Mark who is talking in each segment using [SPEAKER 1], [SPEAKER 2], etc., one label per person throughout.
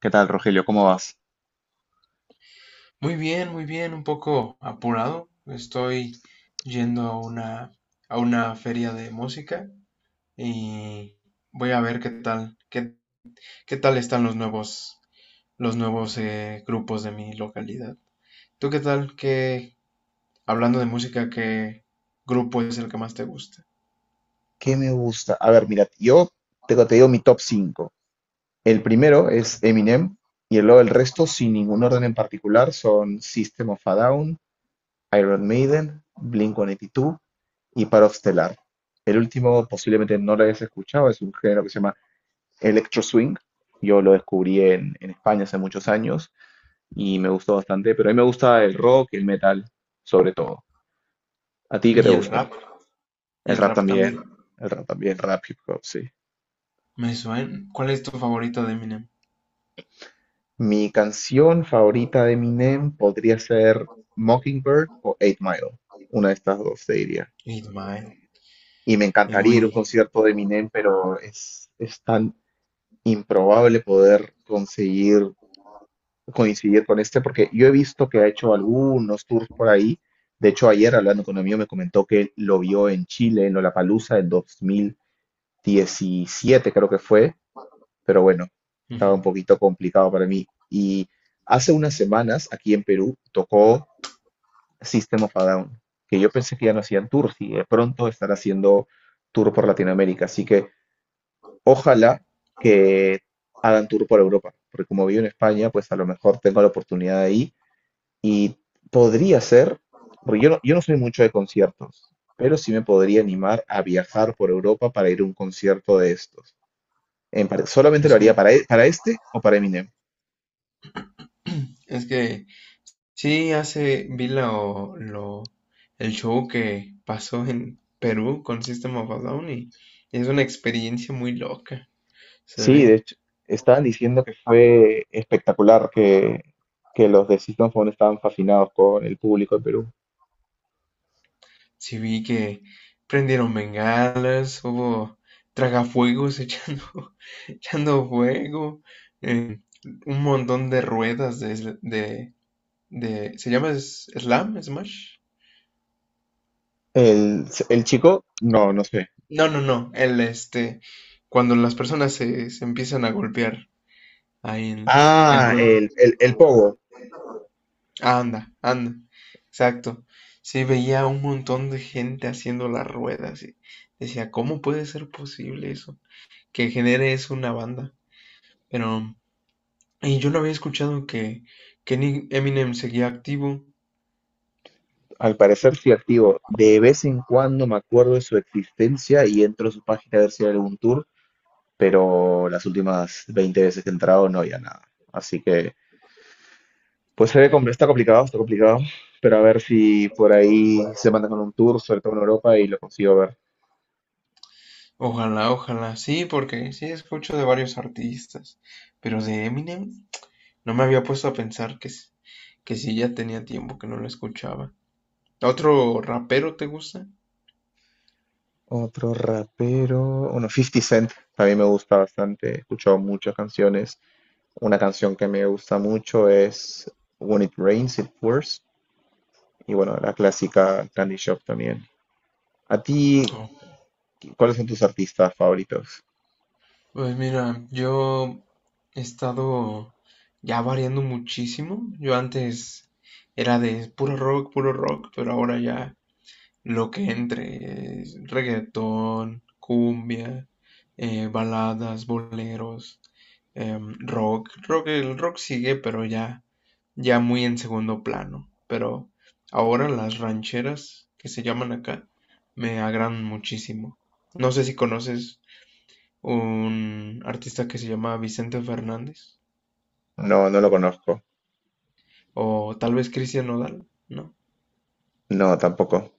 [SPEAKER 1] ¿Qué tal, Rogelio? ¿Cómo vas?
[SPEAKER 2] Muy bien, un poco apurado. Estoy yendo a una feria de música y voy a ver qué tal, qué tal están los nuevos grupos de mi localidad. ¿Tú qué tal? ¿Qué, hablando de música, qué grupo es el que más te gusta?
[SPEAKER 1] ¿Qué me gusta? A ver, mira, yo te digo mi top 5. El primero
[SPEAKER 2] Ok.
[SPEAKER 1] es Eminem y luego el resto, sin ningún orden en particular, son System of a Down, Iron Maiden, Blink-182 y Paro Stellar. El último posiblemente no lo hayas escuchado, es un género que se llama Electro Swing. Yo lo descubrí en España hace muchos años y me gustó bastante, pero a mí me gusta el rock y el metal, sobre todo. ¿A ti qué te
[SPEAKER 2] Y el
[SPEAKER 1] gusta?
[SPEAKER 2] rap, y
[SPEAKER 1] El
[SPEAKER 2] el
[SPEAKER 1] rap
[SPEAKER 2] rap
[SPEAKER 1] también,
[SPEAKER 2] también.
[SPEAKER 1] el rap también, rap, hip hop, sí.
[SPEAKER 2] Me suena. ¿Cuál es tu favorito de Eminem?
[SPEAKER 1] Mi canción favorita de Eminem podría ser Mockingbird o Eight Mile, una de estas dos, te diría.
[SPEAKER 2] It's Mine.
[SPEAKER 1] Y me
[SPEAKER 2] Es
[SPEAKER 1] encantaría ir a un
[SPEAKER 2] muy.
[SPEAKER 1] concierto de Eminem, pero es tan improbable poder conseguir coincidir con este, porque yo he visto que ha hecho algunos tours por ahí. De hecho, ayer hablando con un amigo me comentó que lo vio en Chile, en Lollapalooza del 2017, creo que fue, pero bueno, estaba
[SPEAKER 2] Ujú.
[SPEAKER 1] un poquito complicado para mí. Y hace unas semanas aquí en Perú tocó System of a Down, que yo pensé que ya no hacían tours y de pronto estará haciendo tour por Latinoamérica. Así que ojalá que hagan tour por Europa, porque como vivo en España, pues a lo mejor tengo la oportunidad ahí y podría ser, porque yo no soy mucho de conciertos, pero sí me podría animar a viajar por Europa para ir a un concierto de estos. Solamente lo
[SPEAKER 2] Es que,
[SPEAKER 1] haría para, para este o para Eminem.
[SPEAKER 2] es que sí, el show que pasó en Perú con System of a Down y es una experiencia muy loca, se
[SPEAKER 1] Sí, de
[SPEAKER 2] ve.
[SPEAKER 1] hecho, estaban diciendo que fue espectacular, que los de System Phone estaban fascinados con el público de Perú.
[SPEAKER 2] Sí vi que prendieron bengalas, hubo tragafuegos echando, echando fuego, eh, un montón de ruedas de ¿se llama slam, smash?
[SPEAKER 1] El, el chico, no, no sé.
[SPEAKER 2] No, no, no, el este, cuando las personas se empiezan a golpear ahí en
[SPEAKER 1] Ah,
[SPEAKER 2] ruedas.
[SPEAKER 1] el Pogo,
[SPEAKER 2] Anda, anda, exacto. Sí, veía un montón de gente haciendo las ruedas y decía, ¿cómo puede ser posible eso? Que genere eso una banda. Pero, y yo no había escuchado que Eminem seguía activo.
[SPEAKER 1] al parecer sí activo. De vez en cuando me acuerdo de su existencia y entro a su página a ver si hay algún tour, pero las últimas 20 veces que he entrado no había nada. Así que, pues se ve, está complicado, pero a ver si por ahí se mandan con un tour, sobre todo en Europa, y lo consigo ver.
[SPEAKER 2] Ojalá, ojalá, sí, porque sí escucho de varios artistas, pero de Eminem no me había puesto a pensar que sí ya tenía tiempo que no lo escuchaba. ¿Otro rapero te gusta?
[SPEAKER 1] Otro rapero, bueno, Fifty Cent, también me gusta bastante, he escuchado muchas canciones. Una canción que me gusta mucho es When It Rains, It Pours, y bueno, la clásica Candy Shop también. ¿A ti, cuáles son tus artistas favoritos?
[SPEAKER 2] Pues mira, yo he estado ya variando muchísimo. Yo antes era de puro rock, pero ahora ya lo que entre es reggaetón, cumbia, baladas, boleros, rock. Rock, el rock sigue, pero ya muy en segundo plano. Pero ahora las rancheras que se llaman acá me agradan muchísimo. No sé si conoces un artista que se llama Vicente Fernández
[SPEAKER 1] No, no lo conozco.
[SPEAKER 2] o tal vez Cristian Nodal, ¿no?
[SPEAKER 1] No, tampoco.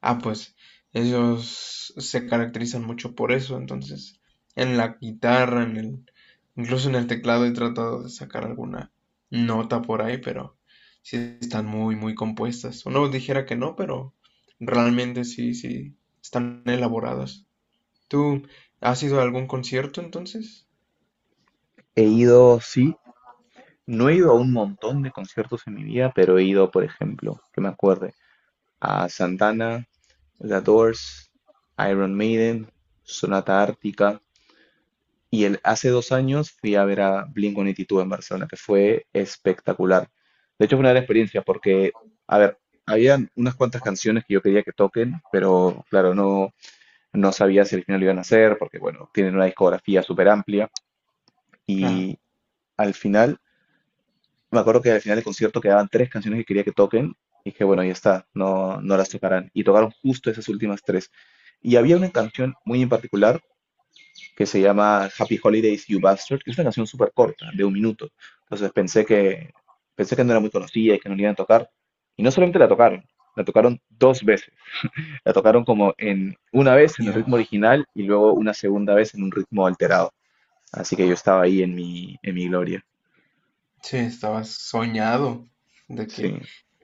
[SPEAKER 2] Ah, pues ellos se caracterizan mucho por eso, entonces en la guitarra, incluso en el teclado he tratado de sacar alguna nota por ahí, pero sí están muy, muy compuestas. Uno dijera que no, pero realmente sí, sí, están elaboradas. ¿Tú has ido a algún concierto entonces?
[SPEAKER 1] He ido, sí, no he ido a un montón de conciertos en mi vida, pero he ido, por ejemplo, que me acuerde, a Santana, The Doors, Iron Maiden, Sonata Ártica. Hace 2 años fui a ver a Blink-182 en Barcelona, que fue espectacular. De hecho, fue una gran experiencia porque, a ver, habían unas cuantas canciones que yo quería que toquen, pero claro, no, no sabía si al final lo iban a hacer, porque bueno, tienen una discografía súper amplia.
[SPEAKER 2] Claro.
[SPEAKER 1] Y al final, me acuerdo que al final del concierto quedaban tres canciones que quería que toquen, y dije, bueno, ya está, no, no las tocarán. Y tocaron justo esas últimas tres. Y había una canción muy en particular que se llama Happy Holidays You Bastard, que es una canción súper corta, de 1 minuto. Entonces pensé que, no era muy conocida y que no la iban a tocar. Y no solamente la tocaron dos veces. La tocaron como en una vez en el ritmo
[SPEAKER 2] Dios.
[SPEAKER 1] original y luego una segunda vez en un ritmo alterado. Así que yo estaba ahí en mi gloria.
[SPEAKER 2] Sí, estabas soñado de
[SPEAKER 1] Sí.
[SPEAKER 2] que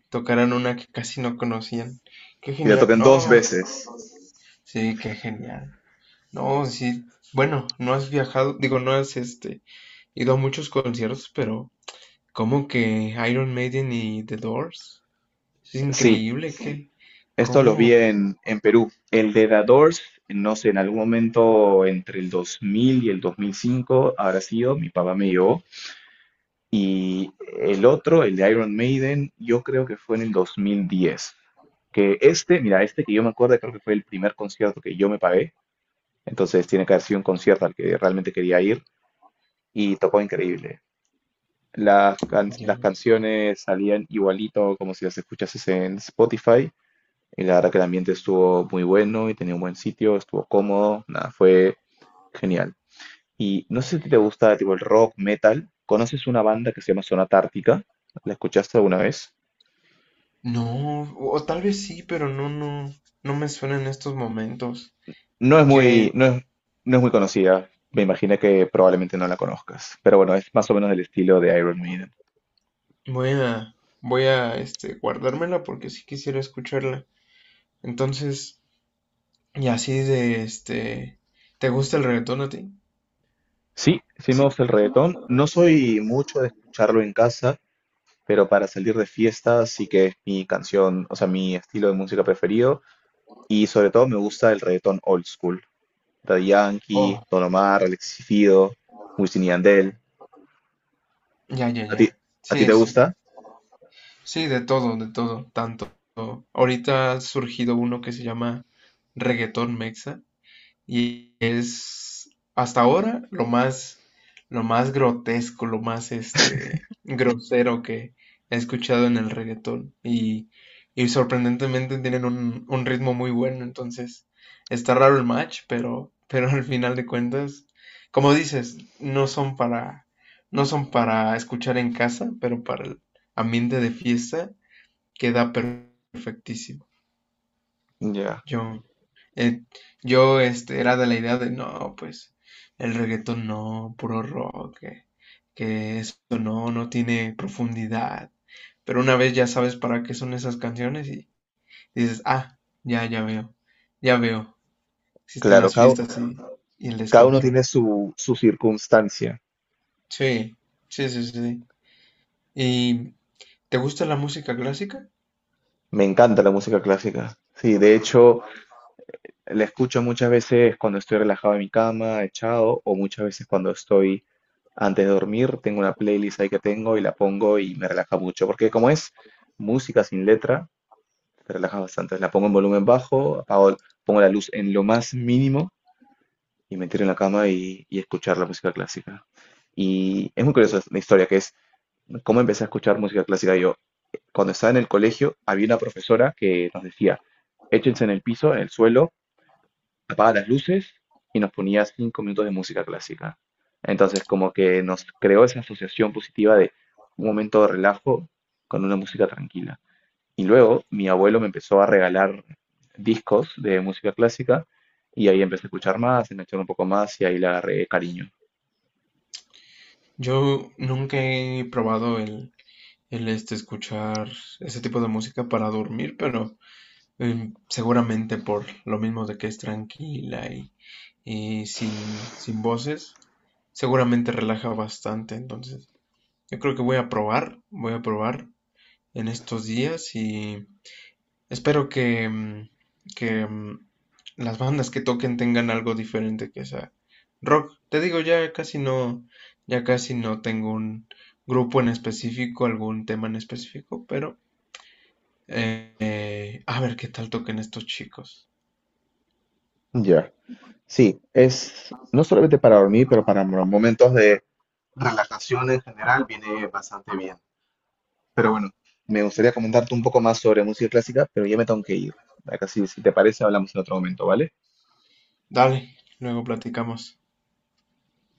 [SPEAKER 2] tocaran una que casi no conocían. ¡Qué
[SPEAKER 1] Y la
[SPEAKER 2] genial!
[SPEAKER 1] tocan dos
[SPEAKER 2] No,
[SPEAKER 1] veces.
[SPEAKER 2] sí, qué genial. No, sí, bueno, no has viajado, digo, no has este, ido a muchos conciertos, pero ¿como que Iron Maiden y The Doors? Es
[SPEAKER 1] Sí,
[SPEAKER 2] increíble que,
[SPEAKER 1] esto lo vi
[SPEAKER 2] ¿cómo?
[SPEAKER 1] en Perú. El de The Doors, no sé, en algún momento entre el 2000 y el 2005 habrá sido, mi papá me llevó. Y el otro, el de Iron Maiden, yo creo que fue en el 2010. Que este, mira, este que yo me acuerdo, creo que fue el primer concierto que yo me pagué. Entonces tiene que haber sido un concierto al que realmente quería ir y tocó increíble. Las
[SPEAKER 2] Dios.
[SPEAKER 1] canciones salían igualito como si las escuchases en Spotify. Y la verdad que el ambiente estuvo muy bueno y tenía un buen sitio, estuvo cómodo, nada, fue genial. Y no sé si te gusta tipo el rock, metal. ¿Conoces una banda que se llama Zona Tártica? ¿La escuchaste alguna vez?
[SPEAKER 2] No, o tal vez sí, pero no me suena en estos momentos.
[SPEAKER 1] No es
[SPEAKER 2] Que
[SPEAKER 1] muy, no es, no es muy conocida. Me imaginé que probablemente no la conozcas. Pero bueno, es más o menos del estilo de Iron Maiden.
[SPEAKER 2] guardármela porque sí quisiera escucharla. Entonces, y así de este. ¿Te gusta el reggaetón a ti?
[SPEAKER 1] Sí, sí me gusta el reggaetón. No soy mucho de escucharlo en casa, pero para salir de fiesta sí que es mi canción, o sea, mi estilo de música preferido. Y sobre todo me gusta el reggaetón old school. Daddy Yankee,
[SPEAKER 2] Oh,
[SPEAKER 1] Don Omar, Alexis Fido, Wisin y Yandel.
[SPEAKER 2] ya, ya,
[SPEAKER 1] ¿A ti,
[SPEAKER 2] ya.
[SPEAKER 1] a ti te
[SPEAKER 2] Sí,
[SPEAKER 1] gusta?
[SPEAKER 2] sí. Sí, de todo, de todo. Tanto. Ahorita ha surgido uno que se llama reggaetón mexa. Y es hasta ahora lo más grotesco, lo más este, grosero que he escuchado en el reggaetón. Y sorprendentemente tienen un ritmo muy bueno, entonces está raro el match, pero, pero al final de cuentas, como dices, no son para escuchar en casa, pero para el ambiente de fiesta queda perfectísimo.
[SPEAKER 1] Ya.
[SPEAKER 2] Yo, eh, yo este, era de la idea de, no, pues el reggaetón no, puro rock, que esto no, no tiene profundidad. Pero una vez ya sabes para qué son esas canciones y dices, ah, ya, ya veo, ya veo, existen
[SPEAKER 1] Claro,
[SPEAKER 2] las fiestas y el
[SPEAKER 1] cada uno tiene
[SPEAKER 2] descontrol.
[SPEAKER 1] su circunstancia.
[SPEAKER 2] Sí, sí, sí, sí. ¿Y te gusta la música clásica?
[SPEAKER 1] Me encanta la música clásica. Sí, de hecho, la escucho muchas veces cuando estoy relajado en mi cama, echado, o muchas veces cuando estoy antes de dormir. Tengo una playlist ahí que tengo y la pongo y me relaja mucho. Porque como es música sin letra, te relaja bastante. La pongo en volumen bajo, apago, pongo la luz en lo más mínimo y me tiro en la cama y escuchar la música clásica. Y es muy curiosa la historia que cómo empecé a escuchar música clásica yo. Cuando estaba en el colegio, había una profesora que nos decía, échense en el piso, en el suelo, apaga las luces y nos ponía 5 minutos de música clásica. Entonces, como que nos creó esa asociación positiva de un momento de relajo con una música tranquila. Y luego mi abuelo me empezó a regalar discos de música clásica y ahí empecé a escuchar más, a echar un poco más y ahí le agarré cariño.
[SPEAKER 2] Yo nunca he probado escuchar ese tipo de música para dormir, pero... seguramente por lo mismo de que es tranquila y sin voces, seguramente relaja bastante. Entonces, yo creo que voy a probar en estos días y espero que mm, las bandas que toquen tengan algo diferente que sea rock. Te digo, ya casi no tengo un grupo en específico, algún tema en específico, pero eh, a ver qué tal toquen estos chicos.
[SPEAKER 1] Ya. Sí, es no solamente para dormir, pero para momentos de relajación en general viene bastante bien. Pero bueno, me gustaría comentarte un poco más sobre música clásica, pero ya me tengo que ir. Acá sí, si te parece, hablamos en otro momento, ¿vale?
[SPEAKER 2] Dale, luego platicamos.